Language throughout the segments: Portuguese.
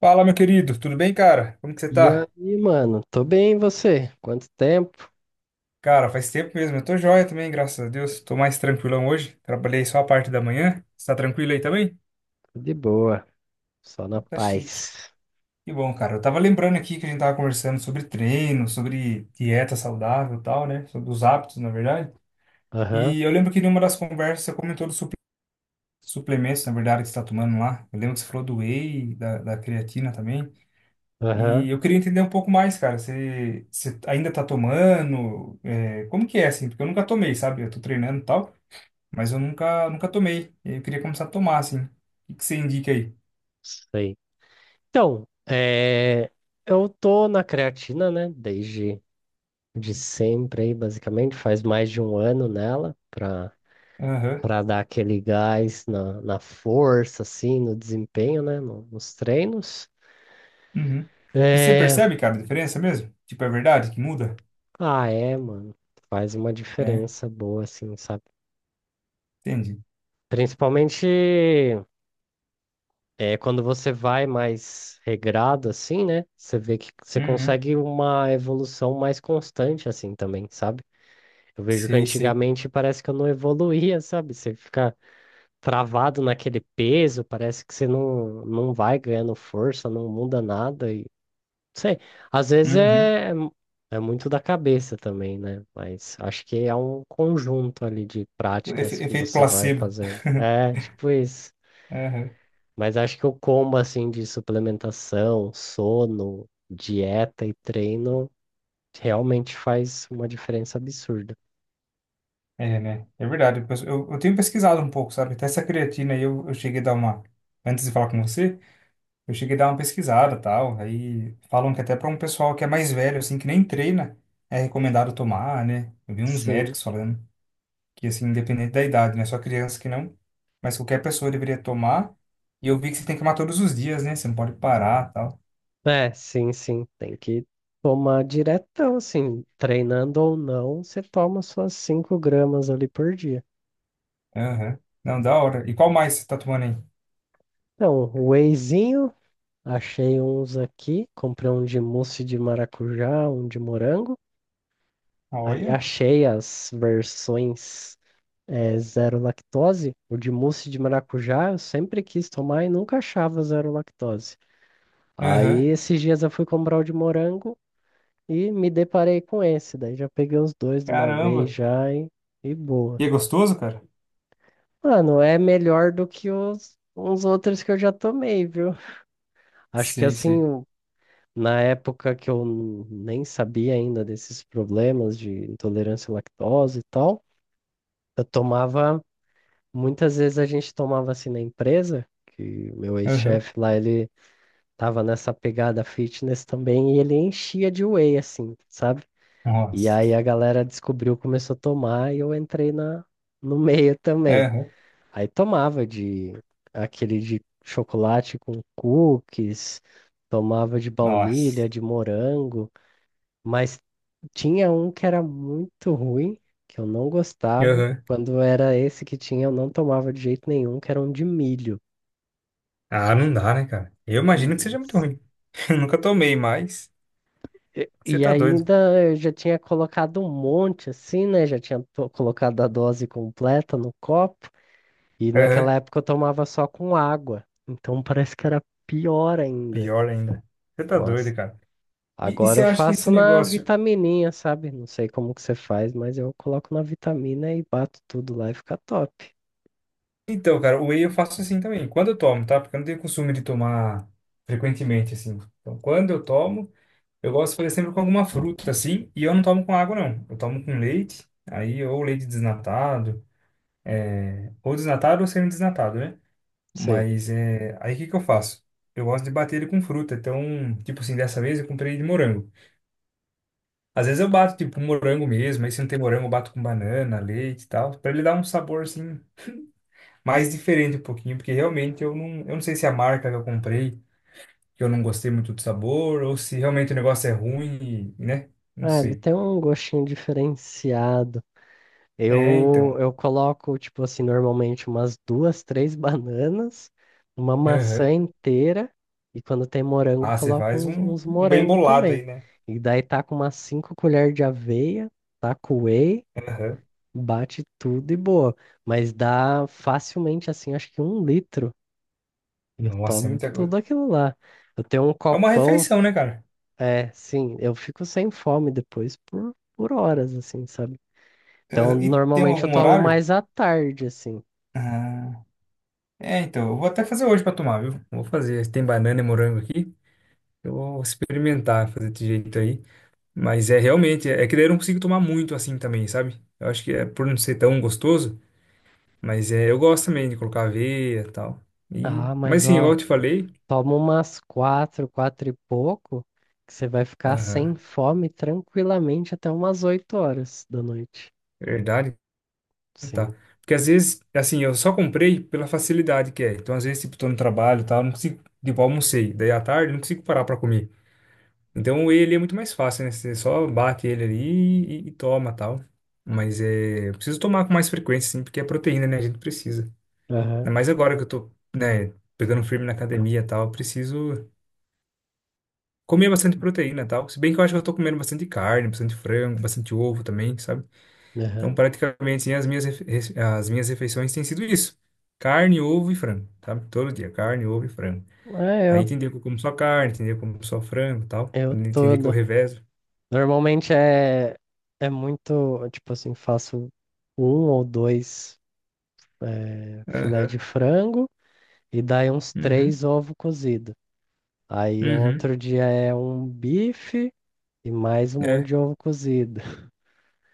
Fala, meu querido, tudo bem, cara? Como que você E tá? aí, mano? Tô bem, e você? Quanto tempo? Cara, faz tempo mesmo, eu tô joia também, graças a Deus. Tô mais tranquilão hoje, trabalhei só a parte da manhã. Você tá tranquilo aí também? De boa, só na Então tá chique. paz. Que bom, cara. Eu tava lembrando aqui que a gente tava conversando sobre treino, sobre dieta saudável e tal, né? Sobre os hábitos, na verdade. Aham, E eu lembro que numa das conversas você comentou dos suplementos, na verdade, que você tá tomando lá. Eu lembro que você falou do whey, da creatina também. aham, E eu queria entender um pouco mais, cara. Você ainda tá tomando? É, como que é, assim? Porque eu nunca tomei, sabe? Eu tô treinando e tal, mas eu nunca, nunca tomei. E aí eu queria começar a tomar, assim. O que que você indica aí? sei. Então, eu tô na creatina, né? Desde de sempre aí, basicamente. Faz mais de 1 ano nela, Aham. pra dar aquele gás na força, assim, no desempenho, né? Nos treinos. Uhum. E você É... percebe, cara, a diferença mesmo? Tipo, é verdade que muda? Ah, é, mano. Faz uma É, diferença boa, assim, sabe? entendi. Principalmente. É, quando você vai mais regrado assim, né? Você vê que você Uhum. consegue uma evolução mais constante assim também, sabe? Eu vejo que Sei, sei. antigamente parece que eu não evoluía, sabe? Você fica travado naquele peso, parece que você não vai ganhando força, não muda nada e não sei. Às vezes Uhum. é, é muito da cabeça também, né? Mas acho que é um conjunto ali de práticas que Efeito você vai placebo. fazendo. É, tipo isso. Aham. Mas acho que o combo assim de suplementação, sono, dieta e treino realmente faz uma diferença absurda. É, né? É verdade. Eu tenho pesquisado um pouco, sabe? Até essa creatina aí eu cheguei a dar uma. Antes de falar com você. Eu cheguei a dar uma pesquisada, tal, aí falam que até para um pessoal que é mais velho, assim, que nem treina, é recomendado tomar, né? Eu vi uns Sim, médicos falando que, assim, independente da idade, né? Só criança que não, mas qualquer pessoa deveria tomar. E eu vi que você tem que tomar todos os dias, né? Você não pode parar, tal. Sim. Tem que tomar diretão, assim, treinando ou não, você toma suas 5 gramas ali por dia. Aham. Não, da hora. E qual mais você tá tomando aí? Então, um wheyzinho, achei uns aqui, comprei um de mousse de maracujá, um de morango. Aí Olha. achei as versões zero lactose, o de mousse de maracujá eu sempre quis tomar e nunca achava zero lactose. Aí Aham. esses dias eu fui comprar o de morango e me deparei com esse, daí já peguei os dois de uma vez Caramba. já e boa. E é gostoso, cara? Mano, é melhor do que os uns outros que eu já tomei, viu? Acho que Sei, assim, sei. Na época que eu nem sabia ainda desses problemas de intolerância à lactose e tal, eu tomava muitas vezes. A gente tomava assim na empresa, que meu Aham. ex-chefe lá, ele tava nessa pegada fitness também, e ele enchia de whey, assim, sabe? E aí Nossa. a galera descobriu, começou a tomar, e eu entrei no meio também. Aham. Aí tomava de aquele de chocolate com cookies, tomava de Nossa. baunilha, de morango. Mas tinha um que era muito ruim, que eu não gostava. Aham. Quando era esse que tinha, eu não tomava de jeito nenhum, que era um de milho. Ah, não dá, né, cara? Eu imagino que seja muito Nossa. ruim. Eu nunca tomei, mas E, você e tá doido. ainda eu já tinha colocado um monte assim, né? Já tinha colocado a dose completa no copo. E Aham. naquela época eu tomava só com água. Então parece que era pior ainda. Pior ainda. Você tá Nossa. doido, cara. E Agora você eu acha que esse faço na negócio. vitamininha, sabe? Não sei como que você faz, mas eu coloco na vitamina e bato tudo lá e fica top. Então, cara, o whey eu faço assim também. Quando eu tomo, tá? Porque eu não tenho costume de tomar frequentemente, assim. Então, quando eu tomo, eu gosto de fazer sempre com alguma fruta, assim. E eu não tomo com água, não. Eu tomo com leite. Aí, ou leite desnatado. É... Ou desnatado ou semi-desnatado, né? Sim. Mas é. Aí o que que eu faço? Eu gosto de bater ele com fruta. Então, tipo assim, dessa vez eu comprei de morango. Às vezes eu bato, tipo, com morango mesmo. Aí se não tem morango, eu bato com banana, leite e tal. Pra ele dar um sabor, assim, mais diferente um pouquinho. Porque realmente eu não sei se é a marca que eu comprei, que eu não gostei muito do sabor, ou se realmente o negócio é ruim, e, né? Não É, ele sei. tem um gostinho diferenciado. É, Eu, então. eu coloco, tipo assim, normalmente umas duas, três bananas, uma maçã Aham. inteira, e quando tem morango, Ah, você coloco faz uns, um, uns um bem morango bolado aí, também. né? E daí tá com umas cinco colheres de aveia, tá com whey, Aham. bate tudo e boa. Mas dá facilmente, assim, acho que 1 litro. E eu Nossa, é tomo muita tudo coisa. aquilo lá. Eu tenho um É uma copão, refeição, né, cara? é, sim, eu fico sem fome depois por horas, assim, sabe? Então, Aham. E tem normalmente eu algum tomo horário? mais à tarde, assim. Ah. É, então, eu vou até fazer hoje pra tomar, viu? Vou fazer. Tem banana e morango aqui. Eu vou experimentar fazer desse jeito aí. Mas é realmente, é que daí eu não consigo tomar muito assim também, sabe? Eu acho que é por não ser tão gostoso, mas é, eu gosto também de colocar aveia e tal. E, Ah, mas mas assim, igual ó, eu te falei, toma umas quatro, quatro e pouco, que você vai ficar sem aham, fome tranquilamente até umas 8 horas da noite. verdade, Sim. tá. Porque às vezes, assim, eu só comprei pela facilidade que é. Então, às vezes, tipo, tô no trabalho e tal, não consigo, tipo, almocei. Daí à tarde, não consigo parar pra comer. Então ele é muito mais fácil, né? Você só bate ele ali e toma tal. Mas é, eu preciso tomar com mais frequência, sim, porque é proteína, né? A gente precisa. Aham, Ainda mais agora que eu tô, né, pegando firme na academia e tal, eu preciso comer bastante proteína e tal. Se bem que eu acho que eu tô comendo bastante carne, bastante frango, bastante ovo também, sabe? Então aham. praticamente assim, as minhas, as minhas refeições têm sido isso: carne, ovo e frango, sabe? Todo dia, carne, ovo e frango. É Aí tem dia que eu como só carne, tem dia que eu como só frango e tal. eu Tem dia que eu todo. revezo. Normalmente é muito, tipo assim, faço um ou dois filé de Aham. frango e daí uns Uhum. três ovos cozidos. Aí Uhum. outro dia é um bife e mais um monte É, de ovo cozido.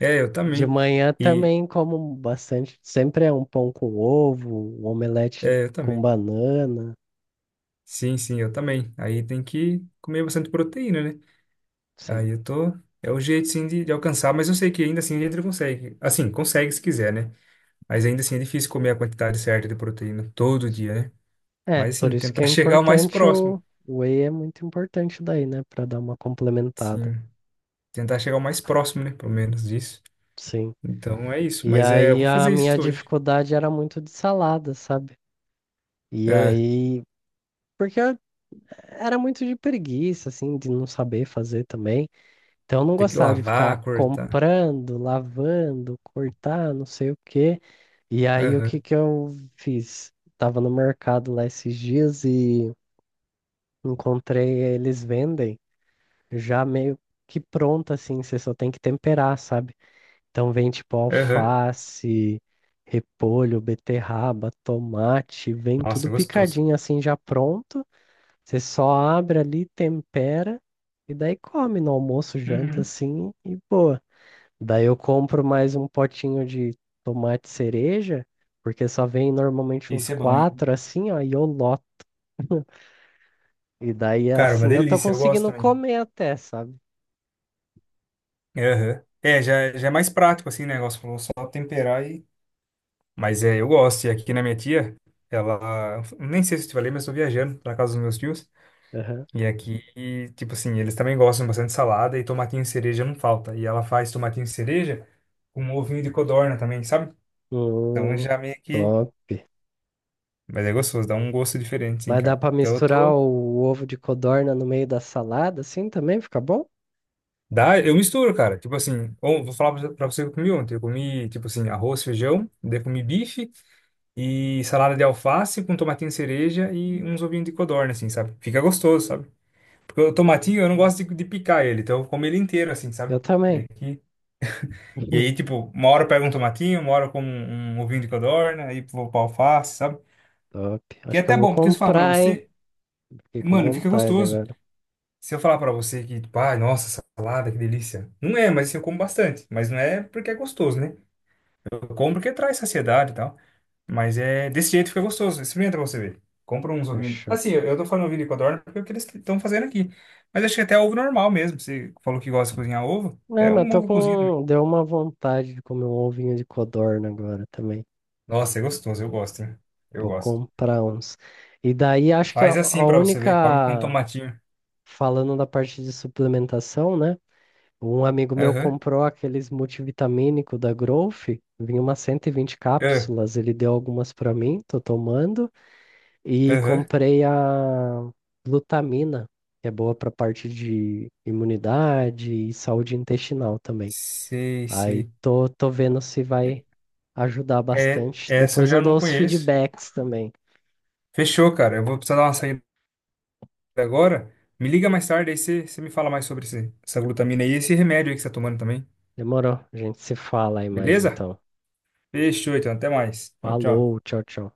eu De também. manhã E também como bastante. Sempre é um pão com ovo, um omelete eu com também. banana. Sim, sim, eu também. Aí tem que comer bastante proteína, né? Sim. Aí eu tô. É o jeito sim de alcançar, mas eu sei que ainda assim a gente consegue. Assim, consegue se quiser, né? Mas ainda assim é difícil comer a quantidade certa de proteína todo dia, né? É, Mas por assim, isso que é tentar chegar o mais importante próximo. o whey é muito importante daí, né? Pra dar uma complementada. Sim, tentar chegar o mais próximo, né? Pelo menos disso. Sim. Então é isso. E Mas é, eu aí vou a fazer minha isso hoje. dificuldade era muito de salada, sabe? E Ah, aí. Porque eu era muito de preguiça, assim, de não saber fazer também. Então eu não tem que gostava de ficar lavar, cortar. comprando, lavando, cortar, não sei o quê. E aí o que Aham, que eu fiz? Tava no mercado lá esses dias e encontrei, eles vendem já meio que pronto assim, você só tem que temperar, sabe? Então vem tipo aham. alface, repolho, beterraba, tomate, vem Nossa, é tudo gostoso. picadinho assim já pronto. Você só abre ali, tempera e daí come no almoço, janta Uhum. assim e boa. Daí eu compro mais um potinho de tomate cereja, porque só vem normalmente uns Esse é bom, hein? quatro assim, ó, e eu loto. E daí Cara, uma assim eu tô delícia, eu gosto conseguindo também. comer até, sabe? Aham. É, já, já é mais prático assim o negócio, falou só temperar e. Mas é, eu gosto. E aqui na minha tia, ela. Nem sei se eu te falei, mas eu tô viajando pra casa dos meus tios. Aham. E aqui, e, tipo assim, eles também gostam bastante de salada e tomatinho e cereja não falta. E ela faz tomatinho e cereja com um ovinho de codorna também, sabe? Então Hum, já meio que. top. Mas é gostoso, dá um gosto diferente, sim, Mas dá cara. pra Então eu misturar tô. o ovo de codorna no meio da salada, assim também fica bom? Dá, eu misturo, cara. Tipo assim, vou falar pra você o que eu comi ontem. Eu comi, tipo assim, arroz, feijão, daí comi bife e salada de alface com tomatinho cereja e uns ovinhos de codorna, assim, sabe? Fica gostoso, sabe? Porque o tomatinho eu não Hum. gosto de picar ele, então eu como ele inteiro, assim, sabe? Eu E, também. aqui... e aí, tipo, uma hora eu pego um tomatinho, uma hora eu como um ovinho de codorna, aí vou pra alface, sabe? Top. Que é Acho que eu até vou bom, porque se eu falar pra comprar, hein? você, Fiquei com mano, fica vontade gostoso. agora. Se eu falar pra você que, tipo, ai, nossa, salada, que delícia. Não é, mas assim, eu como bastante. Mas não é porque é gostoso, né? Eu compro porque traz saciedade e tal. Mas é desse jeito fica gostoso. Experimenta pra você ver. Compra uns ovinhos. Fechou. Assim, eu tô falando ovinho de codorna porque é o que eles estão fazendo aqui. Mas acho que até ovo normal mesmo. Você falou que gosta de cozinhar ovo. É, Até mas um tô ovo cozido. com. Deu uma vontade de comer um ovinho de codorna agora também. Nossa, é gostoso. Eu gosto, hein? Eu Vou gosto. comprar uns. E daí acho que Faz assim a pra você ver. Come com única, tomatinho. falando da parte de suplementação, né? Um amigo meu Aham. comprou aqueles multivitamínico da Growth, vinha umas cento e vinte Ah. cápsulas, ele deu algumas para mim, tô tomando, e Aham. comprei a glutamina, que é boa para parte de imunidade e saúde intestinal também. Sei, Aí sei. Tô vendo se É, vai ajudar bastante. essa eu Depois eu já dou não os conheço. feedbacks também. Fechou, cara. Eu vou precisar dar uma saída agora. Me liga mais tarde, aí você me fala mais sobre essa glutamina aí e esse remédio aí que você tá tomando também. Demorou. A gente se fala aí mais Beleza? então. Fechou, então. Até mais. Tchau, tchau. Falou, tchau, tchau.